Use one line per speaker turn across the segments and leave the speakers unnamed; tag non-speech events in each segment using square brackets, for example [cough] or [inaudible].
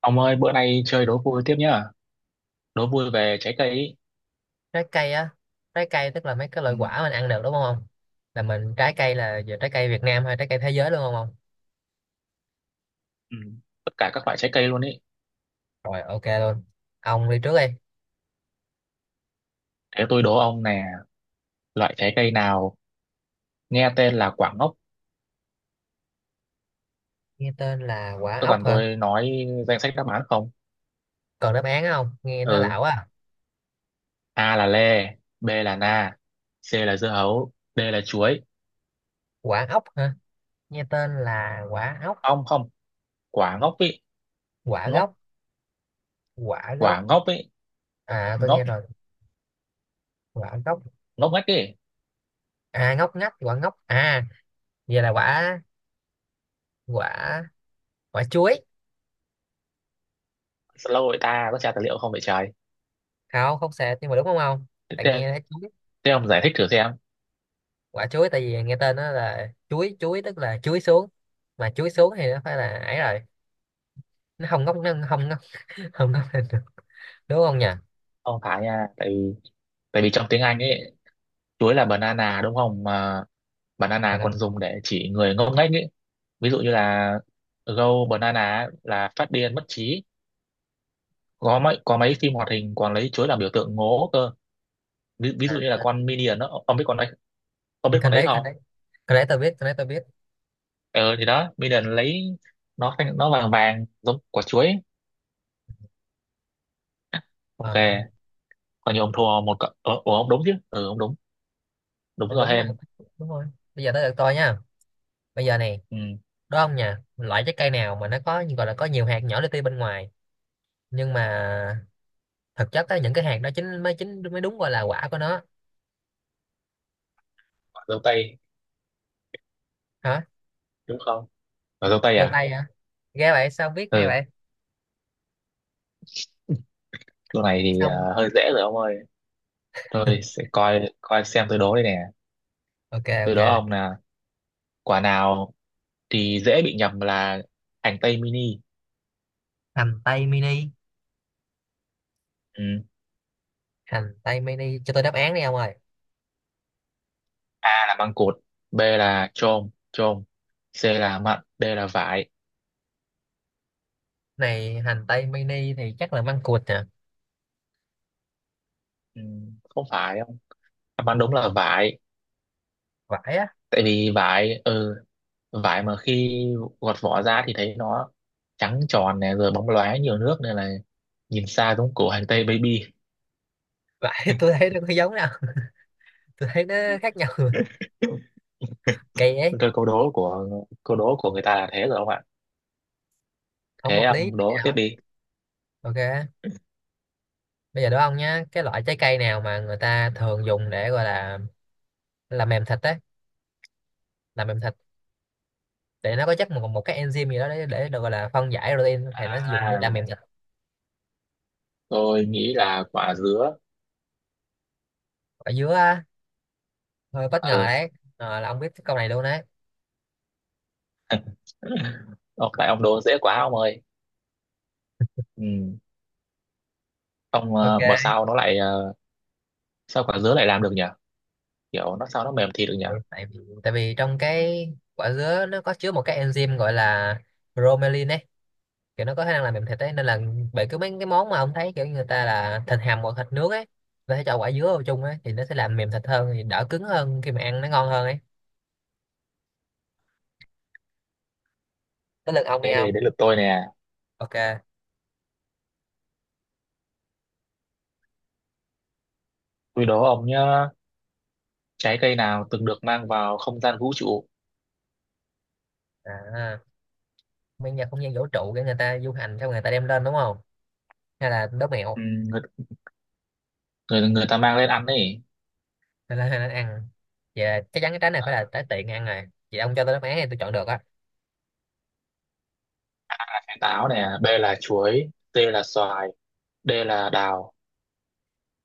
Ông ơi, bữa nay chơi đố vui tiếp nhá. Đố vui về trái cây ý.
Trái cây á? Trái cây tức là mấy cái
Ừ,
loại quả mình ăn được đúng không? Là mình Trái cây là giờ trái cây Việt Nam hay trái cây thế giới luôn không ông?
ừ. Tất cả các loại trái cây luôn ý.
Rồi, ok luôn. Ông đi trước đi.
Thế tôi đố ông nè, loại trái cây nào nghe tên là quả ngốc.
Nghe tên là quả
Tôi
ốc
cần
hả?
tôi nói danh sách đáp án không?
Còn đáp án không? Nghe nó
Ừ,
lão à.
A là lê, B là na, C là dưa hấu, D là chuối.
Quả ốc hả? Nghe tên là quả ốc.
Không không, quả ngốc ý,
Quả
ngốc,
gốc. Quả gốc.
quả ngốc ý,
À tôi
ngốc,
nghe rồi. Quả gốc.
ngốc ngách ý.
À ngóc ngách, quả ngốc à? Vậy là quả quả quả chuối.
Lâu rồi ta có tra tài liệu không vậy trời.
Không không sệt nhưng mà đúng Không không,
Thế,
tại
thế
nghe thấy chuối.
thế ông giải thích thử xem.
Quả chuối, tại vì nghe tên nó là chuối, chuối tức là chuối xuống. Mà chuối xuống thì nó phải là ấy rồi, nó không ngóc, nó không ngóc. [laughs] Không ngóc lên được, đúng không nhỉ?
Ông phải nha, tại vì trong tiếng Anh ấy chuối là banana đúng không, mà banana
Phải đây.
còn dùng để chỉ người ngốc nghếch ấy. Ví dụ như là go banana ấy, là phát điên mất trí. Có mấy phim hoạt hình còn lấy chuối làm biểu tượng ngố cơ. ví, ví
À,
dụ như là
à,
con Minion đó, ông biết con đấy, ông biết
nhưng con
con đấy
đấy con
không?
đấy con đấy tôi biết, con đấy tôi biết.
Ờ thì đó Minion lấy, nó vàng vàng giống quả chuối ấy. Ok.
Ờ,
Còn như ông thua một cậu ông đúng chứ, ừ ông đúng, đúng
con
rồi
đúng mà,
hen.
đúng rồi. Bây giờ tới lượt tôi nha. Bây giờ này,
Ừ,
đúng không nhỉ? Loại trái cây nào mà nó có gọi là có nhiều hạt nhỏ li ti bên ngoài, nhưng mà thực chất á, những cái hạt đó chính mới, chính mới đúng gọi là quả của nó.
quả dâu tây
Hả?
đúng không? Quả dâu tây
Vô
à?
tay hả? Ghê vậy, sao biết hay
Ừ.
vậy?
[laughs] Chỗ này thì
Xong.
hơi dễ rồi ông ơi. Tôi
[laughs]
sẽ coi coi xem tôi đố đây nè.
Ok,
Tôi
ok.
đố ông là quả nào thì dễ bị nhầm là hành tây mini.
Hành tây mini.
Ừ.
Hành tây mini, cho tôi đáp án đi ông ơi.
A là măng cụt, B là chôm chôm, C là mận, D là vải.
Này hành tây mini thì chắc là măng cụt nè.
Ừ. Không phải không? Đáp án đúng là vải.
Vải á?
Tại vì vải, ừ, vải mà khi gọt vỏ ra thì thấy nó trắng tròn nè, rồi bóng loáng nhiều nước nên là nhìn xa giống củ hành tây baby.
Vải [laughs] tôi thấy nó có giống đâu. Tôi thấy nó khác nhau. [laughs] Rồi.
[laughs]
Kỳ ấy.
Rồi câu đố của người ta là thế rồi không ạ?
Không
Thế
hợp lý
ông
tí
đố
nào
tiếp
ấy.
đi.
Ok, bây giờ đó ông nhá, cái loại trái cây nào mà người ta thường dùng để gọi là làm mềm thịt ấy, làm mềm thịt. Để nó có chắc một một cái enzyme gì đó để được gọi là phân giải protein thì nó dùng để
À,
làm mềm thịt.
tôi nghĩ là quả dứa.
Ở dưới á? Hơi bất ngờ
Ừ.
đấy. Ờ, là ông biết cái câu này luôn đấy.
[laughs] Ô, tại ông đố dễ quá ông ơi. Ừ. Ông mà
Ok.
sao nó lại sao quả dứa lại làm được nhỉ? Kiểu nó sao nó mềm thịt được nhỉ?
Tại vì trong cái quả dứa nó có chứa một cái enzyme gọi là bromelain ấy, kiểu nó có khả năng làm mềm thịt ấy, nên là bởi cứ mấy cái món mà ông thấy kiểu người ta là thịt hầm hoặc thịt nướng ấy, người ta sẽ cho quả dứa vào chung ấy thì nó sẽ làm mềm thịt hơn, thì đỡ cứng hơn, khi mà ăn nó ngon hơn ấy. Tới lượt ông đi
Thế
ông.
để đến lượt tôi nè.
Ok.
Tôi đố ông nhá. Trái cây nào từng được mang vào không gian vũ trụ?
À, bây giờ không gian vũ trụ để người ta du hành xong người ta đem lên đúng không? Hay là đố mẹo?
Ừ, người, người người ta mang lên ăn ấy.
Hay là, hay là ăn? Vậy là chắc chắn cái trái này phải là trái tiện ăn rồi, vậy ông cho tôi đáp án thì tôi chọn được á.
À, táo nè, B là chuối, C là xoài, D là đào.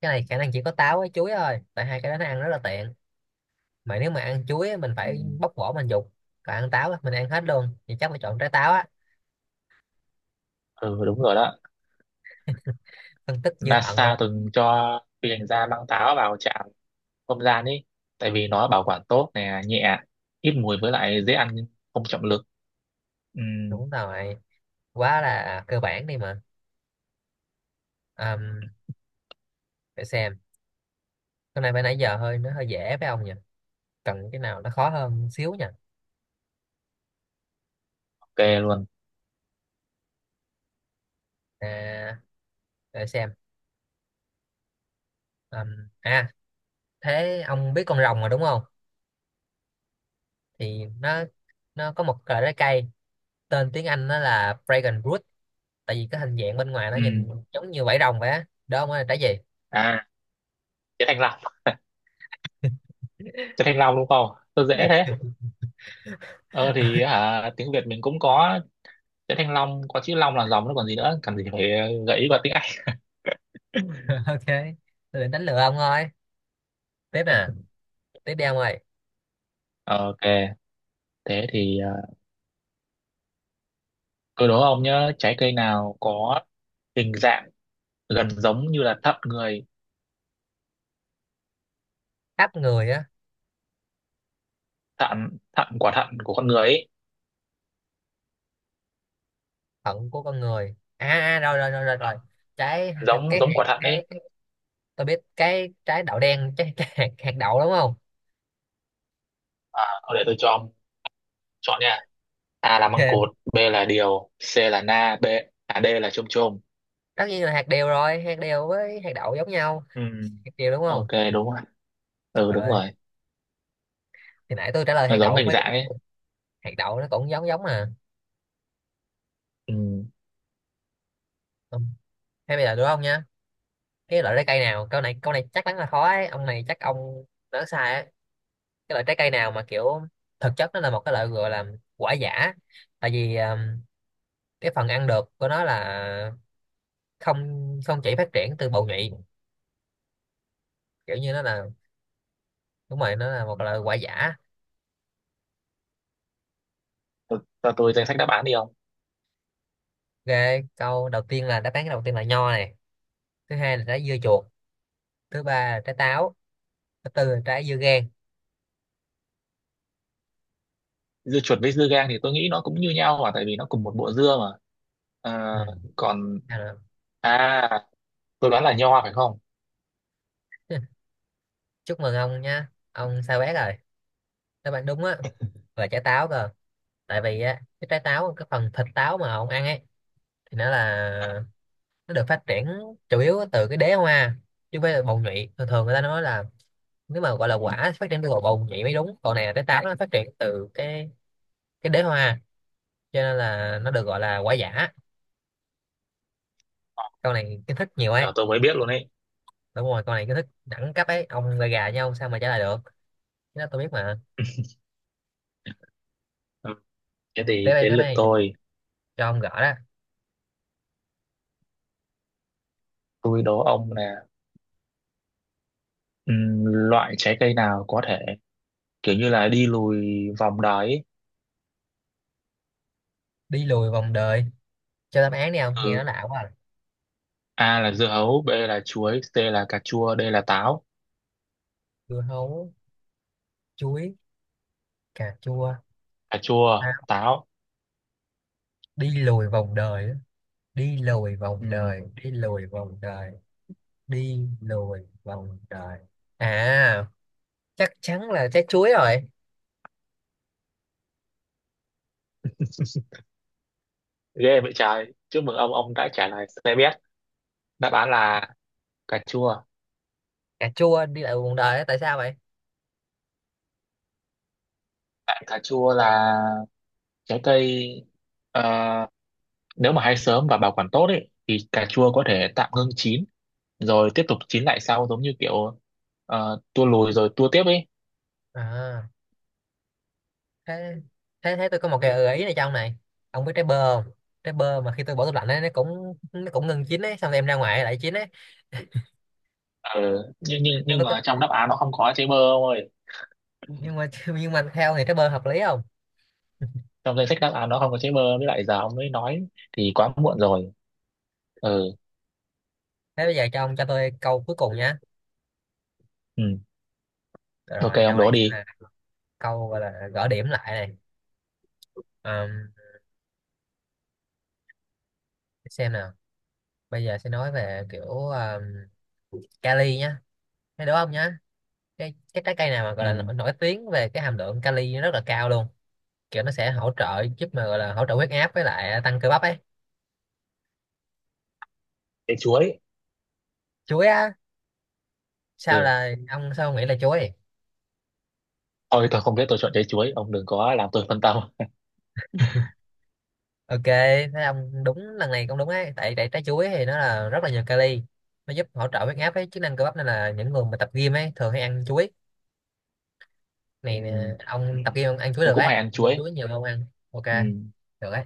Cái này khả năng chỉ có táo với chuối thôi, tại hai cái đó nó ăn rất là tiện. Mà nếu mà ăn chuối á, mình
Ừ,
phải bóc vỏ mình dục, còn ăn táo á, mình ăn hết luôn, thì chắc phải chọn trái táo á.
ừ đúng rồi đó.
Phân tích như thần
NASA
luôn.
từng cho phi hành gia băng táo vào trạm không gian ý, tại vì nó bảo quản tốt nè, nhẹ, ít mùi với lại dễ ăn không trọng lực. Ừ,
Đúng rồi, quá là cơ bản đi mà. Ờm, để xem. Hôm nay phải nãy giờ hơi, nó hơi dễ với ông nhỉ? Cần cái nào nó khó hơn xíu nhỉ.
ok luôn.
À, để xem. À, thế ông biết con rồng mà đúng không? Thì nó có một loại trái cây tên tiếng Anh nó là dragon fruit, tại vì cái hình dạng bên ngoài nó
Ừ.
nhìn giống như vảy rồng vậy á, đó mới là trái gì?
À trái thanh long, trái thanh long đúng không? Tôi dễ
[laughs]
thế. Ờ thì hả, tiếng Việt mình cũng có trái thanh long, có chữ long là dòng nó còn gì nữa, cần gì phải gợi ý vào tiếng Anh.
[laughs] Ok, tôi định đánh lừa ông thôi. Tiếp nè, tiếp đi ông ơi.
[laughs] Ok. Thế thì tôi đố ông nhớ trái cây nào có hình dạng gần giống như là thận người.
Khắp người á?
Thận thận quả thận của con người ấy.
Phận của con người à? À à, rồi rồi rồi rồi
À,
rồi. Trái,
giống
cái
giống
hạt,
quả thận ấy.
cái tôi biết, cái trái đậu đen. [laughs] Trái, cái hạt, hạt đậu đúng không?
À, thôi để tôi cho ông chọn nha. A là măng cụt,
[laughs]
B là điều, C là na B à, D là chôm chôm.
Tất nhiên là hạt điều rồi, hạt điều với hạt đậu giống nhau.
Ừ.
Hạt điều đúng không?
Ok đúng rồi,
Trời
ừ đúng
ơi,
rồi.
thì nãy tôi trả lời
Nó
hạt
giống
đậu cũng
hình
phải đúng.
dạng ấy.
Hạt đậu nó cũng giống giống mà.
Ừ.
Ừ. Hay bây giờ đúng không nha, cái loại trái cây nào, câu này chắc chắn là khó ấy ông, này chắc ông nói sai ấy. Cái loại trái cây nào mà kiểu thực chất nó là một cái loại gọi là quả giả, tại vì cái phần ăn được của nó là không không chỉ phát triển từ bầu nhụy, kiểu như nó là, đúng rồi, nó là một loại quả giả.
Cho cho tôi danh sách đáp án đi không.
Ok, câu đầu tiên là đáp án đầu tiên là nho này, thứ hai là trái dưa chuột, thứ ba là trái táo, thứ tư là trái dưa gang.
Dưa chuột với dưa gang thì tôi nghĩ nó cũng như nhau mà, tại vì nó cùng một bộ dưa mà. À,
Ừ.
còn
Nào nào.
à tôi đoán là nho phải không.
Chúc mừng ông nha ông sao bét rồi. Đáp án đúng á là trái táo cơ. Tại vì á cái trái táo, cái phần thịt táo mà ông ăn ấy, thì nó là, nó được phát triển chủ yếu từ cái đế hoa chứ không phải là bầu nhụy. Thường thường người ta nói là nếu mà gọi là quả phát triển từ bầu bầu nhụy mới đúng, còn này là trái táo nó phát triển từ cái đế hoa, cho nên là nó được gọi là quả giả. Con này kiến thức nhiều ấy.
Là tôi mới biết luôn ấy.
Đúng rồi, con này kiến thức đẳng cấp ấy, ông gà gà nhau sao mà trả lời được. Cái đó tôi biết mà.
Ừ. Thế thì
tới đây
đến
tới
lượt
đây
tôi.
cho ông gõ đó.
Tôi đố ông là, ừ, loại trái cây nào có thể kiểu như là đi lùi vòng đáy ấy.
Đi lùi vòng đời? Cho đáp án đi ông, nghe nó
Ừ.
lạ quá à.
A là dưa hấu, B là chuối, C là cà chua, D là táo.
Dưa hấu, chuối, cà chua.
Cà chua
À,
táo.
đi lùi vòng đời á. đi lùi vòng đời
Ừ.
đi lùi vòng đời đi lùi vòng đời. À, chắc chắn là trái chuối rồi.
Ghê vậy trời, chúc mừng ông đã trả lời, tôi biết đáp án là cà chua.
Cà chua đi lại vòng đời á, tại sao vậy?
Tại cà chua là trái cây, ờ, nếu mà hái sớm và bảo quản tốt ấy thì cà chua có thể tạm ngưng chín rồi tiếp tục chín lại sau, giống như kiểu tua lùi rồi tua tiếp ấy.
À, thế thế thế tôi có một cái gợi ý này trong này. Ông biết trái bơ không? Trái bơ mà khi tôi bỏ tủ lạnh ấy, nó cũng ngừng chín ấy, xong rồi em ra ngoài lại chín ấy.
Ừ. nhưng nhưng
Nó
nhưng
có,
mà trong đáp án nó không có trái bơ ông ơi.
nhưng mà [laughs] nhưng mà theo thì trái bơ hợp lý không?
Trong danh sách đáp án nó không có chữ mơ, với lại giờ ông mới nói thì quá muộn rồi. Ừ.
Thế bây giờ cho ông, cho tôi câu cuối cùng nhá.
Ừ, ok
Rồi
ông
câu
đố
này sẽ
đi.
là câu gọi là gỡ điểm lại này. Ờm, xem nào. Bây giờ sẽ nói về kiểu Cali nhá, thấy đúng không nhá. Cái trái cây nào mà gọi là
Ừ,
nổi tiếng về cái hàm lượng kali nó rất là cao luôn, kiểu nó sẽ hỗ trợ giúp mà gọi là hỗ trợ huyết áp với lại tăng cơ bắp ấy.
trái chuối.
Chuối á? Sao
Ừ,
là ông, sao ông nghĩ là chuối?
thôi tôi không biết, tôi chọn trái chuối, ông đừng có làm tôi phân tâm.
Ok, thấy ông đúng, lần này cũng đúng ấy, tại tại trái chuối thì nó là rất là nhiều kali, nó giúp hỗ trợ huyết áp với chức năng cơ bắp, nên là những người mà tập gym ấy thường hay ăn chuối.
Ừ.
Này nè
Ừ,
ông, tập gym ông ăn chuối
tôi
được
cũng
ấy,
hay ăn
mua
chuối.
chuối nhiều hơn ăn. Ok,
Ừ,
được ấy.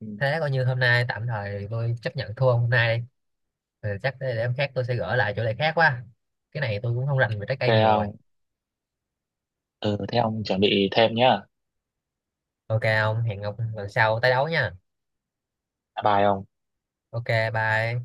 ừ.
Thế coi như hôm nay tạm thời tôi chấp nhận thua hôm nay đi. Ừ, chắc để hôm khác tôi sẽ gỡ lại chỗ này khác quá. Cái này tôi cũng không rành về trái
Ok
cây nhiều rồi.
ông. Ừ thế ông chuẩn bị thêm nhá.
Ok ông, hẹn ông lần sau tái đấu nha.
Bye bye ông.
Ok, bye.